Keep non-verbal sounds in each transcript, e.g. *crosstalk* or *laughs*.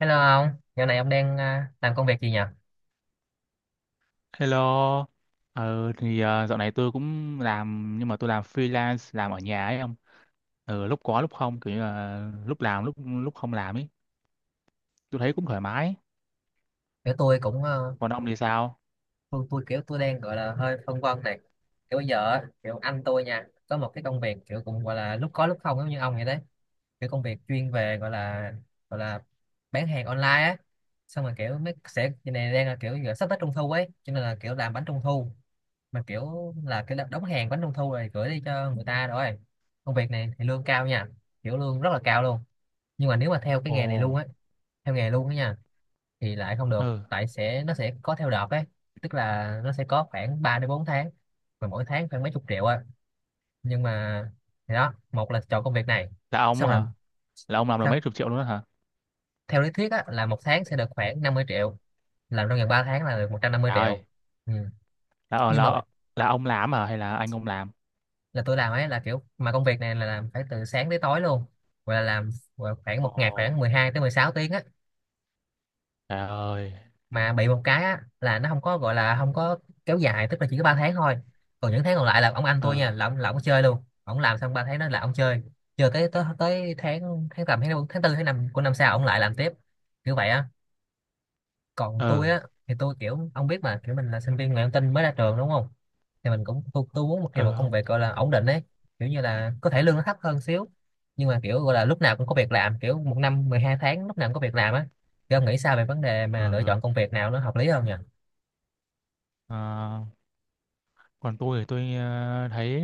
Hello ông, dạo này ông đang làm công việc gì nhỉ? Hello, dạo này tôi cũng làm nhưng mà tôi làm freelance làm ở nhà ấy ông, lúc có lúc không kiểu như là lúc làm lúc lúc không làm ấy, tôi thấy cũng thoải mái. Kiểu tôi cũng Còn ông thì sao? tôi kiểu tôi đang gọi là hơi phân vân này. Kiểu bây giờ á, kiểu anh tôi nha, có một cái công việc kiểu cũng gọi là lúc có lúc không giống như ông vậy đấy. Kiểu công việc chuyên về gọi là bán hàng online á. Xong rồi kiểu mấy sẽ cái này đang là kiểu giờ sắp tới trung thu ấy, cho nên là kiểu làm bánh trung thu mà kiểu là cái đóng hàng bánh trung thu rồi gửi đi cho người ta rồi. Công việc này thì lương cao nha, kiểu lương rất là cao luôn. Nhưng mà nếu mà theo cái nghề này luôn Ồ, á, theo nghề luôn á nha thì lại không được, ừ, tại sẽ nó sẽ có theo đợt ấy, tức là nó sẽ có khoảng 3 đến 4 tháng mà mỗi tháng khoảng mấy chục triệu á, nhưng mà thì đó, một là chọn công việc này, là ông xong là hả? Là ông làm được sao, mấy chục triệu luôn đó hả? theo lý thuyết á là một tháng sẽ được khoảng 50 triệu, làm trong vòng 3 tháng là được một trăm năm mươi Trời ơi, triệu. Ừ. là ờ, Nhưng mà là ông làm hả hay là anh ông làm? là tôi làm ấy, là kiểu mà công việc này là làm phải từ sáng tới tối luôn, gọi là làm, gọi là khoảng Ồ, một ngày khoảng 12 tới 16 tiếng á, trời ơi, mà bị một cái á, là nó không có gọi là không có kéo dài, tức là chỉ có 3 tháng thôi, còn những tháng còn lại là ông anh tôi nha, ờ, là ông chơi luôn, ông làm xong 3 tháng đó là ông chơi, chơi tới tới, tới tháng tháng tầm tháng tư tháng năm của năm sau ông lại làm tiếp, kiểu vậy á. Còn tôi ờ, á thì tôi kiểu ông biết mà, kiểu mình là sinh viên ngoại thông tin mới ra trường đúng không, thì mình cũng tôi muốn một kiểu một ờ công không, việc gọi là ổn định ấy, kiểu như là có thể lương nó thấp hơn xíu nhưng mà kiểu gọi là lúc nào cũng có việc làm, kiểu một năm 12 tháng lúc nào cũng có việc làm á. Thì ông nghĩ sao về vấn đề ờ, mà lựa ờ. chọn công việc nào nó hợp lý hơn nhỉ? Ờ, Còn tôi thì tôi thấy.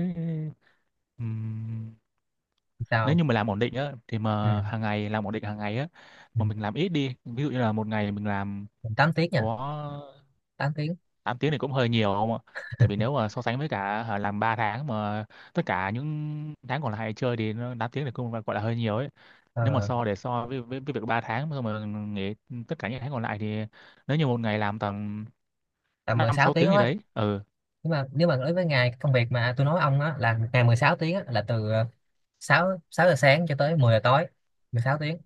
ừm, Nếu Sao? như mà làm ổn định á thì Ừ. mà hàng ngày làm ổn định hàng ngày á, Ừ. mà mình làm ít đi, ví dụ như là một ngày mình làm 8 tiếng nha. có Tám tiếng. 8 tiếng thì cũng hơi nhiều không ạ? Tại vì nếu mà so sánh với cả, hả, làm 3 tháng mà tất cả những tháng còn lại chơi thì nó 8 tiếng thì cũng gọi là hơi nhiều ấy. Nếu mà ờ, so để so với việc 3 tháng xong mà nghỉ tất cả những tháng còn lại, thì nếu như một ngày làm tầm Tầm mười 5 sáu 6 tiếng tiếng gì đó. đấy, ừ. Nhưng mà nếu mà đối với ngày công việc mà tôi nói ông á là một ngày 16 tiếng á, là từ 6 giờ sáng cho tới 10 giờ tối, 16 tiếng,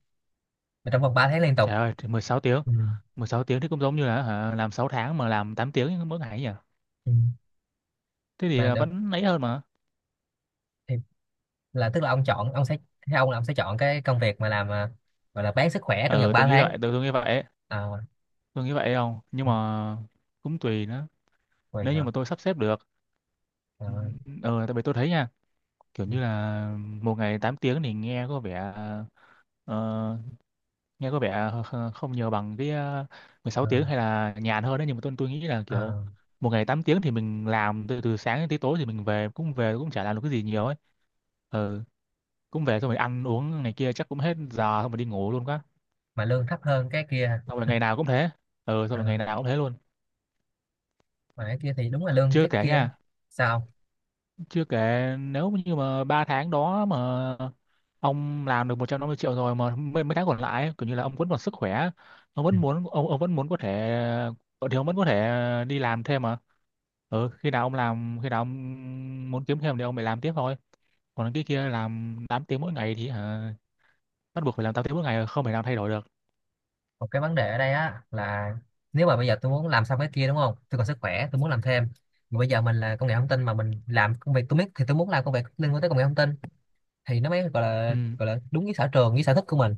mà trong vòng 3 tháng liên tục. Trời ơi, thì 16 tiếng, Ừ. 16 tiếng thì cũng giống như là, hả, làm 6 tháng mà làm 8 tiếng mỗi ngày ấy nhỉ. Ừ. Thế thì Mà được vẫn ấy hơn. thì là, tức là ông chọn, ông sẽ, theo ông là ông sẽ chọn cái công việc mà làm, gọi là bán sức khỏe trong vòng Ờ ba tôi nghĩ tháng. vậy, tôi nghĩ vậy ấy. À, Tôi nghĩ vậy không nhưng mà cũng tùy nữa, vậy nếu như hả? mà tôi sắp xếp được. Ờ. Ừ, ừ, tại vì tôi thấy nha, kiểu Ừ. như là một ngày 8 tiếng thì nghe có vẻ, ờ, nghe có vẻ không nhiều bằng cái, mười sáu Ờ. tiếng, hay là nhàn hơn đấy, nhưng mà tôi nghĩ là kiểu Ờ. một ngày 8 tiếng thì mình làm từ từ sáng đến tới tối thì mình về cũng chả làm được cái gì nhiều ấy. Ừ, cũng về xong rồi ăn uống này kia chắc cũng hết giờ xong rồi đi ngủ luôn quá, Mà lương thấp hơn cái kia. xong rồi ngày nào cũng thế. Ừ, xong Ờ, rồi ngày nào cũng thế luôn. mà cái kia thì đúng là lương Chưa cái kể kia. nha, Sao? chưa kể nếu như mà ba tháng đó mà ông làm được 150 triệu rồi, mà mấy tháng còn lại ấy, kiểu như là ông vẫn còn sức khỏe, Ừ. Ông vẫn muốn có thể thì ông vẫn có thể đi làm thêm mà. Ừ, khi nào ông làm khi nào ông muốn kiếm thêm thì ông phải làm tiếp thôi. Còn cái kia làm 8 tiếng mỗi ngày thì, hả, bắt buộc phải làm 8 tiếng mỗi ngày, không thể nào thay đổi được. Một cái vấn đề ở đây á là nếu mà bây giờ tôi muốn làm xong cái kia đúng không, tôi còn sức khỏe tôi muốn làm thêm, mà bây giờ mình là công nghệ thông tin, mà mình làm công việc tôi biết thì tôi muốn làm công việc liên quan tới công nghệ thông tin thì nó mới Ừ, gọi là đúng với sở trường với sở thích của mình.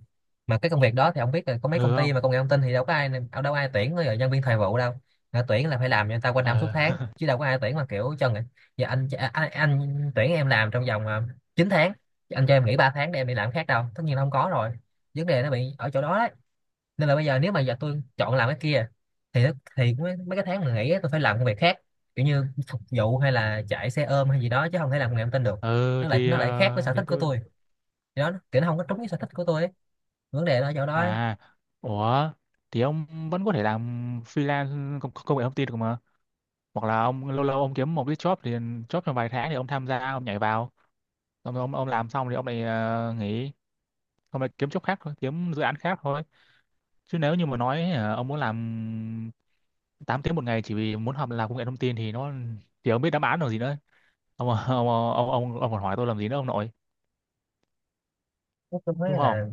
Mà cái công việc đó thì ông biết là có ừ mấy công ty không. mà công nghệ thông tin thì đâu có ai, đâu có ai tuyển rồi nhân viên thời vụ đâu. Người ta tuyển là phải làm cho người ta quanh năm suốt tháng ờ chứ đâu có ai tuyển mà kiểu cho người giờ anh tuyển em làm trong vòng 9 tháng, anh cho em nghỉ 3 tháng để em đi làm khác, đâu, tất nhiên là không có rồi. Vấn đề nó bị ở chỗ đó. Nên là bây giờ nếu mà giờ tôi chọn làm cái kia thì thì mấy cái tháng mà nghỉ á, tôi phải làm công việc khác, kiểu như phục vụ hay là chạy xe ôm hay gì đó, chứ không thể làm nghề thông tin được, *laughs* ừ, thì nó lại khác với ờ, sở thì thích của tôi tôi. Thì đó, kiểu nó không có trúng với sở thích của tôi ấy. Vấn đề là ở chỗ đó ấy. À, ủa, thì ông vẫn có thể làm freelance, công nghệ thông tin được mà. Hoặc là ông lâu lâu ông kiếm một cái job thì job trong vài tháng thì ông tham gia, ông nhảy vào. Ông làm xong thì ông lại nghỉ, ông lại kiếm job khác thôi, kiếm dự án khác thôi. Chứ nếu như mà nói ông muốn làm 8 tiếng một ngày chỉ vì muốn học làm công nghệ thông tin thì ông biết đáp án rồi gì nữa. Ông *laughs* ông còn hỏi tôi làm gì nữa ông nội, Nói chung đúng thấy không? là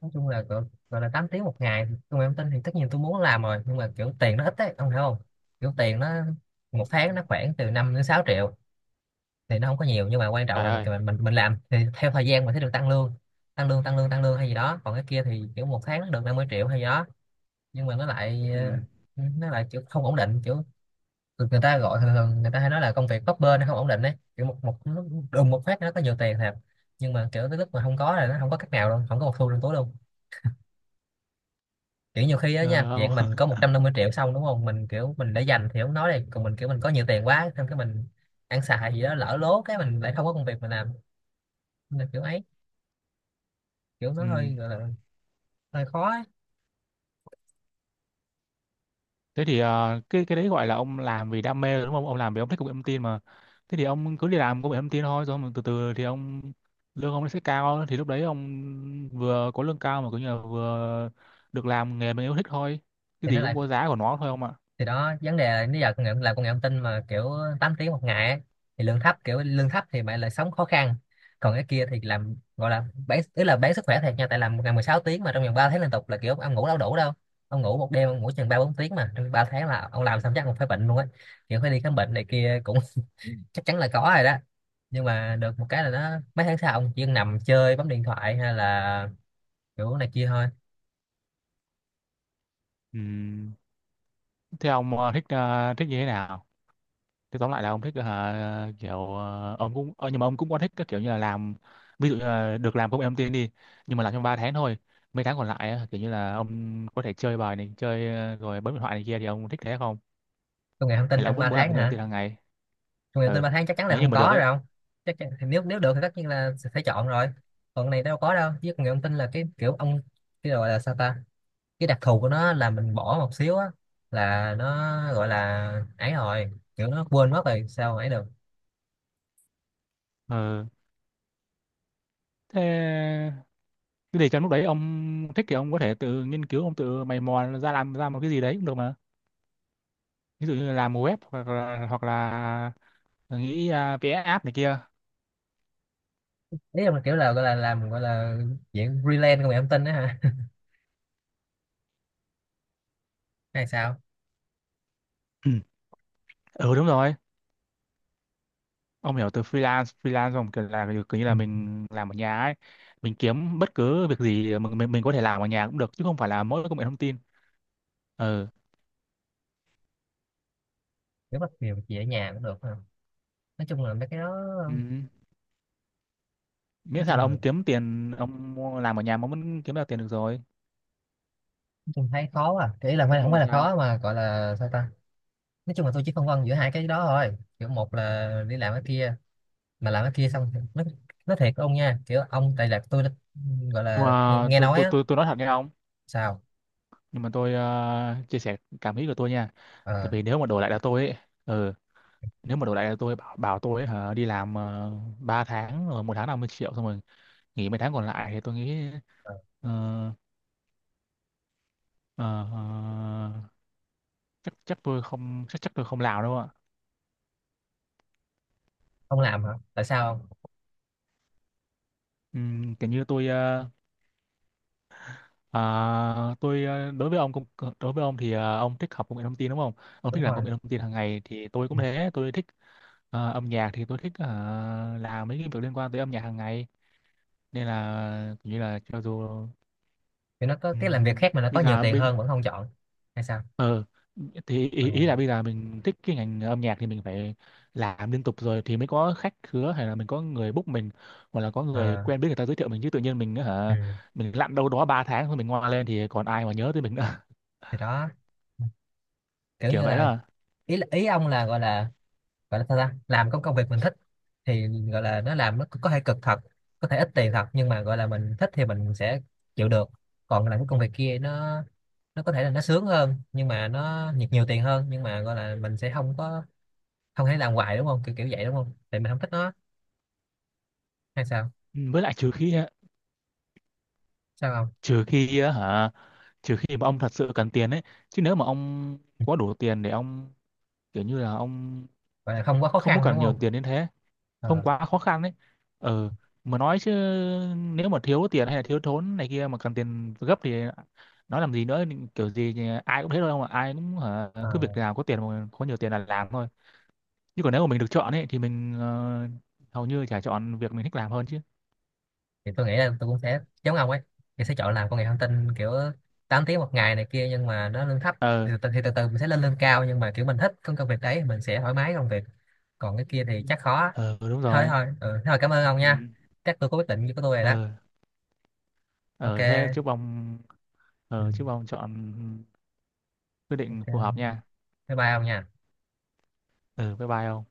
nói chung là gọi là 8 tiếng một ngày công nghệ thông tin thì tất nhiên tôi muốn làm rồi, nhưng mà kiểu tiền nó ít ấy, ông hiểu không? Kiểu tiền nó một Ừ. tháng nó khoảng từ 5 đến 6 triệu, thì nó không có nhiều, nhưng mà quan trọng Trời là ơi. mình mình làm thì theo thời gian mình sẽ được tăng lương, tăng lương tăng lương hay gì đó. Còn cái kia thì kiểu một tháng nó được 50 triệu hay gì đó, nhưng mà nó lại Ừ. Nó lại kiểu không ổn định, kiểu người người ta gọi thường thường người ta hay nói là công việc bấp bênh, nó không ổn định đấy, kiểu một một nó đùng một phát nó có nhiều tiền thật, nhưng mà kiểu tới lúc mà không có là nó không có cách nào luôn, không có một xu trong túi luôn. Kiểu nhiều khi á nha Ờ, ông, dạng mình có *laughs* 150 triệu xong đúng không, mình kiểu mình để dành thì không nói, đây còn mình kiểu mình có nhiều tiền quá, xong cái mình ăn xài gì đó lỡ lố, cái mình lại không có công việc mình làm, nên là kiểu ấy, kiểu nó ừ. hơi gọi là hơi khó ấy. Thế thì cái đấy gọi là ông làm vì đam mê rồi đúng không? Ông làm vì ông thích công nghệ thông tin mà. Thế thì ông cứ đi làm công nghệ thông tin thôi, rồi ông từ từ thì ông lương ông nó sẽ cao, thì lúc đấy ông vừa có lương cao mà cũng như là vừa được làm nghề mình yêu thích thôi. Cái Thì nó gì cũng lại có giá của nó thôi ông ạ. thì đó vấn đề là nếu giờ công nghệ làm công nghệ thông tin mà kiểu 8 tiếng một ngày ấy, thì lương thấp, kiểu lương thấp thì bạn lại sống khó khăn, còn cái kia thì làm gọi là bán, tức là bán sức khỏe thiệt nha, tại làm một ngày 16 tiếng mà trong vòng 3 tháng liên tục là kiểu ông ngủ đâu đủ đâu. Ông ngủ một đêm ông ngủ chừng ba bốn tiếng mà trong 3 tháng là ông làm xong chắc ông phải bệnh luôn á, kiểu phải đi khám bệnh này kia cũng *laughs* chắc chắn là có rồi đó. Nhưng mà được một cái là nó mấy tháng sau ông chỉ nằm chơi bấm điện thoại hay là kiểu này kia thôi. Ừm. Thế ông thích như thế nào? Thế tóm lại là ông thích, kiểu, ông cũng, nhưng mà ông cũng có thích cái kiểu như là làm, ví dụ như là được làm công em tin đi, nhưng mà làm trong 3 tháng thôi, mấy tháng còn lại á, kiểu như là ông có thể chơi bài này chơi rồi bấm điện thoại này kia thì ông thích thế không, Công nghệ thông hay tin là ông trong vẫn 3 muốn làm tháng công em tin hả? hàng ngày? Người tự tin Ừ, ba tháng chắc chắn là nếu như không mà được có ấy. rồi, không, chắc chắn, thì nếu nếu được thì tất nhiên là sẽ phải chọn rồi. Còn cái này đâu có đâu, chứ người ông tin là cái kiểu ông, cái gọi là sao ta, cái đặc thù của nó là mình bỏ một xíu á là nó gọi là ấy rồi kiểu nó quên mất rồi sao mà ấy được. Ừ, thế cái để trong lúc đấy ông thích thì ông có thể tự nghiên cứu, ông tự mày mò ra làm ra một cái gì đấy cũng được mà, ví dụ như là làm web, hoặc là nghĩ, vẽ app này kia. Ý là kiểu là gọi là làm gọi là dạng freelance của người ông tin đó hả? *laughs* Hay sao? Ừ. Ừ, đúng rồi. Ông hiểu từ freelance, không, kiểu là kiểu như Ừ. là mình làm ở nhà ấy, mình kiếm bất cứ việc gì mình có thể làm ở nhà cũng được, chứ không phải là mỗi công nghệ thông tin. Ừ, Kiểu bắt việc gì ở nhà cũng được không? Nói chung là mấy cái đó, ừ. nói Miễn sao là chung là ông kiếm tiền, ông làm ở nhà mà ông vẫn kiếm được tiền được rồi. nói chung thấy khó à, cái ý là không Nói phải không chung là phải là sao? khó mà gọi là sao ta. Nói chung là tôi chỉ phân vân giữa hai cái đó thôi, kiểu một là đi làm cái kia, mà làm cái kia xong nó thiệt ông nha kiểu ông tại là tôi đã, gọi Nhưng là nghe, mà nghe nói á. Tôi nói thật nha ông, Sao? nhưng mà tôi chia sẻ cảm nghĩ của tôi nha. Ờ. Tại vì nếu mà đổi lại là tôi ấy, ừ, nếu mà đổi lại là tôi bảo bảo tôi ấy, hả, đi làm 3 tháng rồi một tháng 50 triệu xong rồi nghỉ mấy tháng còn lại thì tôi nghĩ, Ờ, ờ, Ờ, ờ, chắc chắc tôi không, chắc chắc tôi không làm đâu ạ. không làm hả, tại sao không? Kiểu như tôi, ờ, tôi ờ, đối với ông công đối với ông thì ông thích học công nghệ thông tin đúng không? Ông Đúng thích làm công rồi. nghệ thông tin hàng ngày thì tôi Ừ. cũng thế, tôi thích âm nhạc, thì tôi thích làm mấy cái việc liên quan tới âm nhạc hàng ngày, nên là kiểu như là cho dù, Kiểu nó có cái làm ừm, việc khác mà nó có bây nhiều giờ tiền hơn vẫn không chọn hay sao? thì Ờ. ý là bây giờ mình thích cái ngành âm nhạc thì mình phải làm liên tục rồi thì mới có khách khứa, hay là mình có người book mình, hoặc là có người Ờ. quen biết người ta giới thiệu mình, chứ tự nhiên mình Ừ. hả, mình lặn đâu đó 3 tháng rồi mình ngoa lên thì còn ai mà nhớ tới mình nữa. Thì đó. *laughs* Kiểu Kiểu như vậy là đó. ý ý ông là gọi là gọi là sao ta, làm có công việc mình thích thì gọi là nó làm nó có thể cực thật, có thể ít tiền thật nhưng mà gọi là mình thích thì mình sẽ chịu được. Còn làm cái công việc kia nó có thể là nó sướng hơn nhưng mà nó nhiều nhiều tiền hơn, nhưng mà gọi là mình sẽ không có, không thể làm hoài đúng không, kiểu kiểu vậy đúng không, tại mình không thích nó hay sao? Ừ, với lại trừ khi Sao không? trừ khi á hả, trừ khi mà ông thật sự cần tiền ấy, chứ nếu mà ông có đủ tiền để ông, kiểu như là ông Gọi là không quá khó không có khăn đúng cần nhiều không? tiền đến thế, không Ờ. quá khó khăn đấy. Ờ, mà nói chứ, nếu mà thiếu tiền hay là thiếu thốn này kia mà cần tiền gấp thì nói làm gì nữa, kiểu gì thì ai cũng thế thôi không ạ, ai cũng hả, Ờ. cứ việc nào có tiền mà có nhiều tiền là làm thôi. Chứ còn nếu mà mình được chọn ấy, thì mình hầu như chả chọn việc mình thích làm hơn chứ. Thì tôi nghĩ là tôi cũng sẽ giống ông ấy, thì sẽ chọn làm công nghệ thông tin kiểu 8 tiếng một ngày này kia nhưng mà nó lương thấp, Ờ, thì từ từ mình sẽ lên lương cao, nhưng mà kiểu mình thích công công việc đấy mình sẽ thoải mái công việc, còn cái kia thì chắc khó. ờ đúng Thôi rồi. thôi ừ, thôi cảm ơn ông Ừ. nha. Chắc tôi có quyết định của tôi rồi đó. Ờ, Ok. ờ thế chúc ông, Ừ. ờ chúc ông chọn quyết định phù Ok. hợp nha. Bye bye ông nha. Ờ, bye bye ông.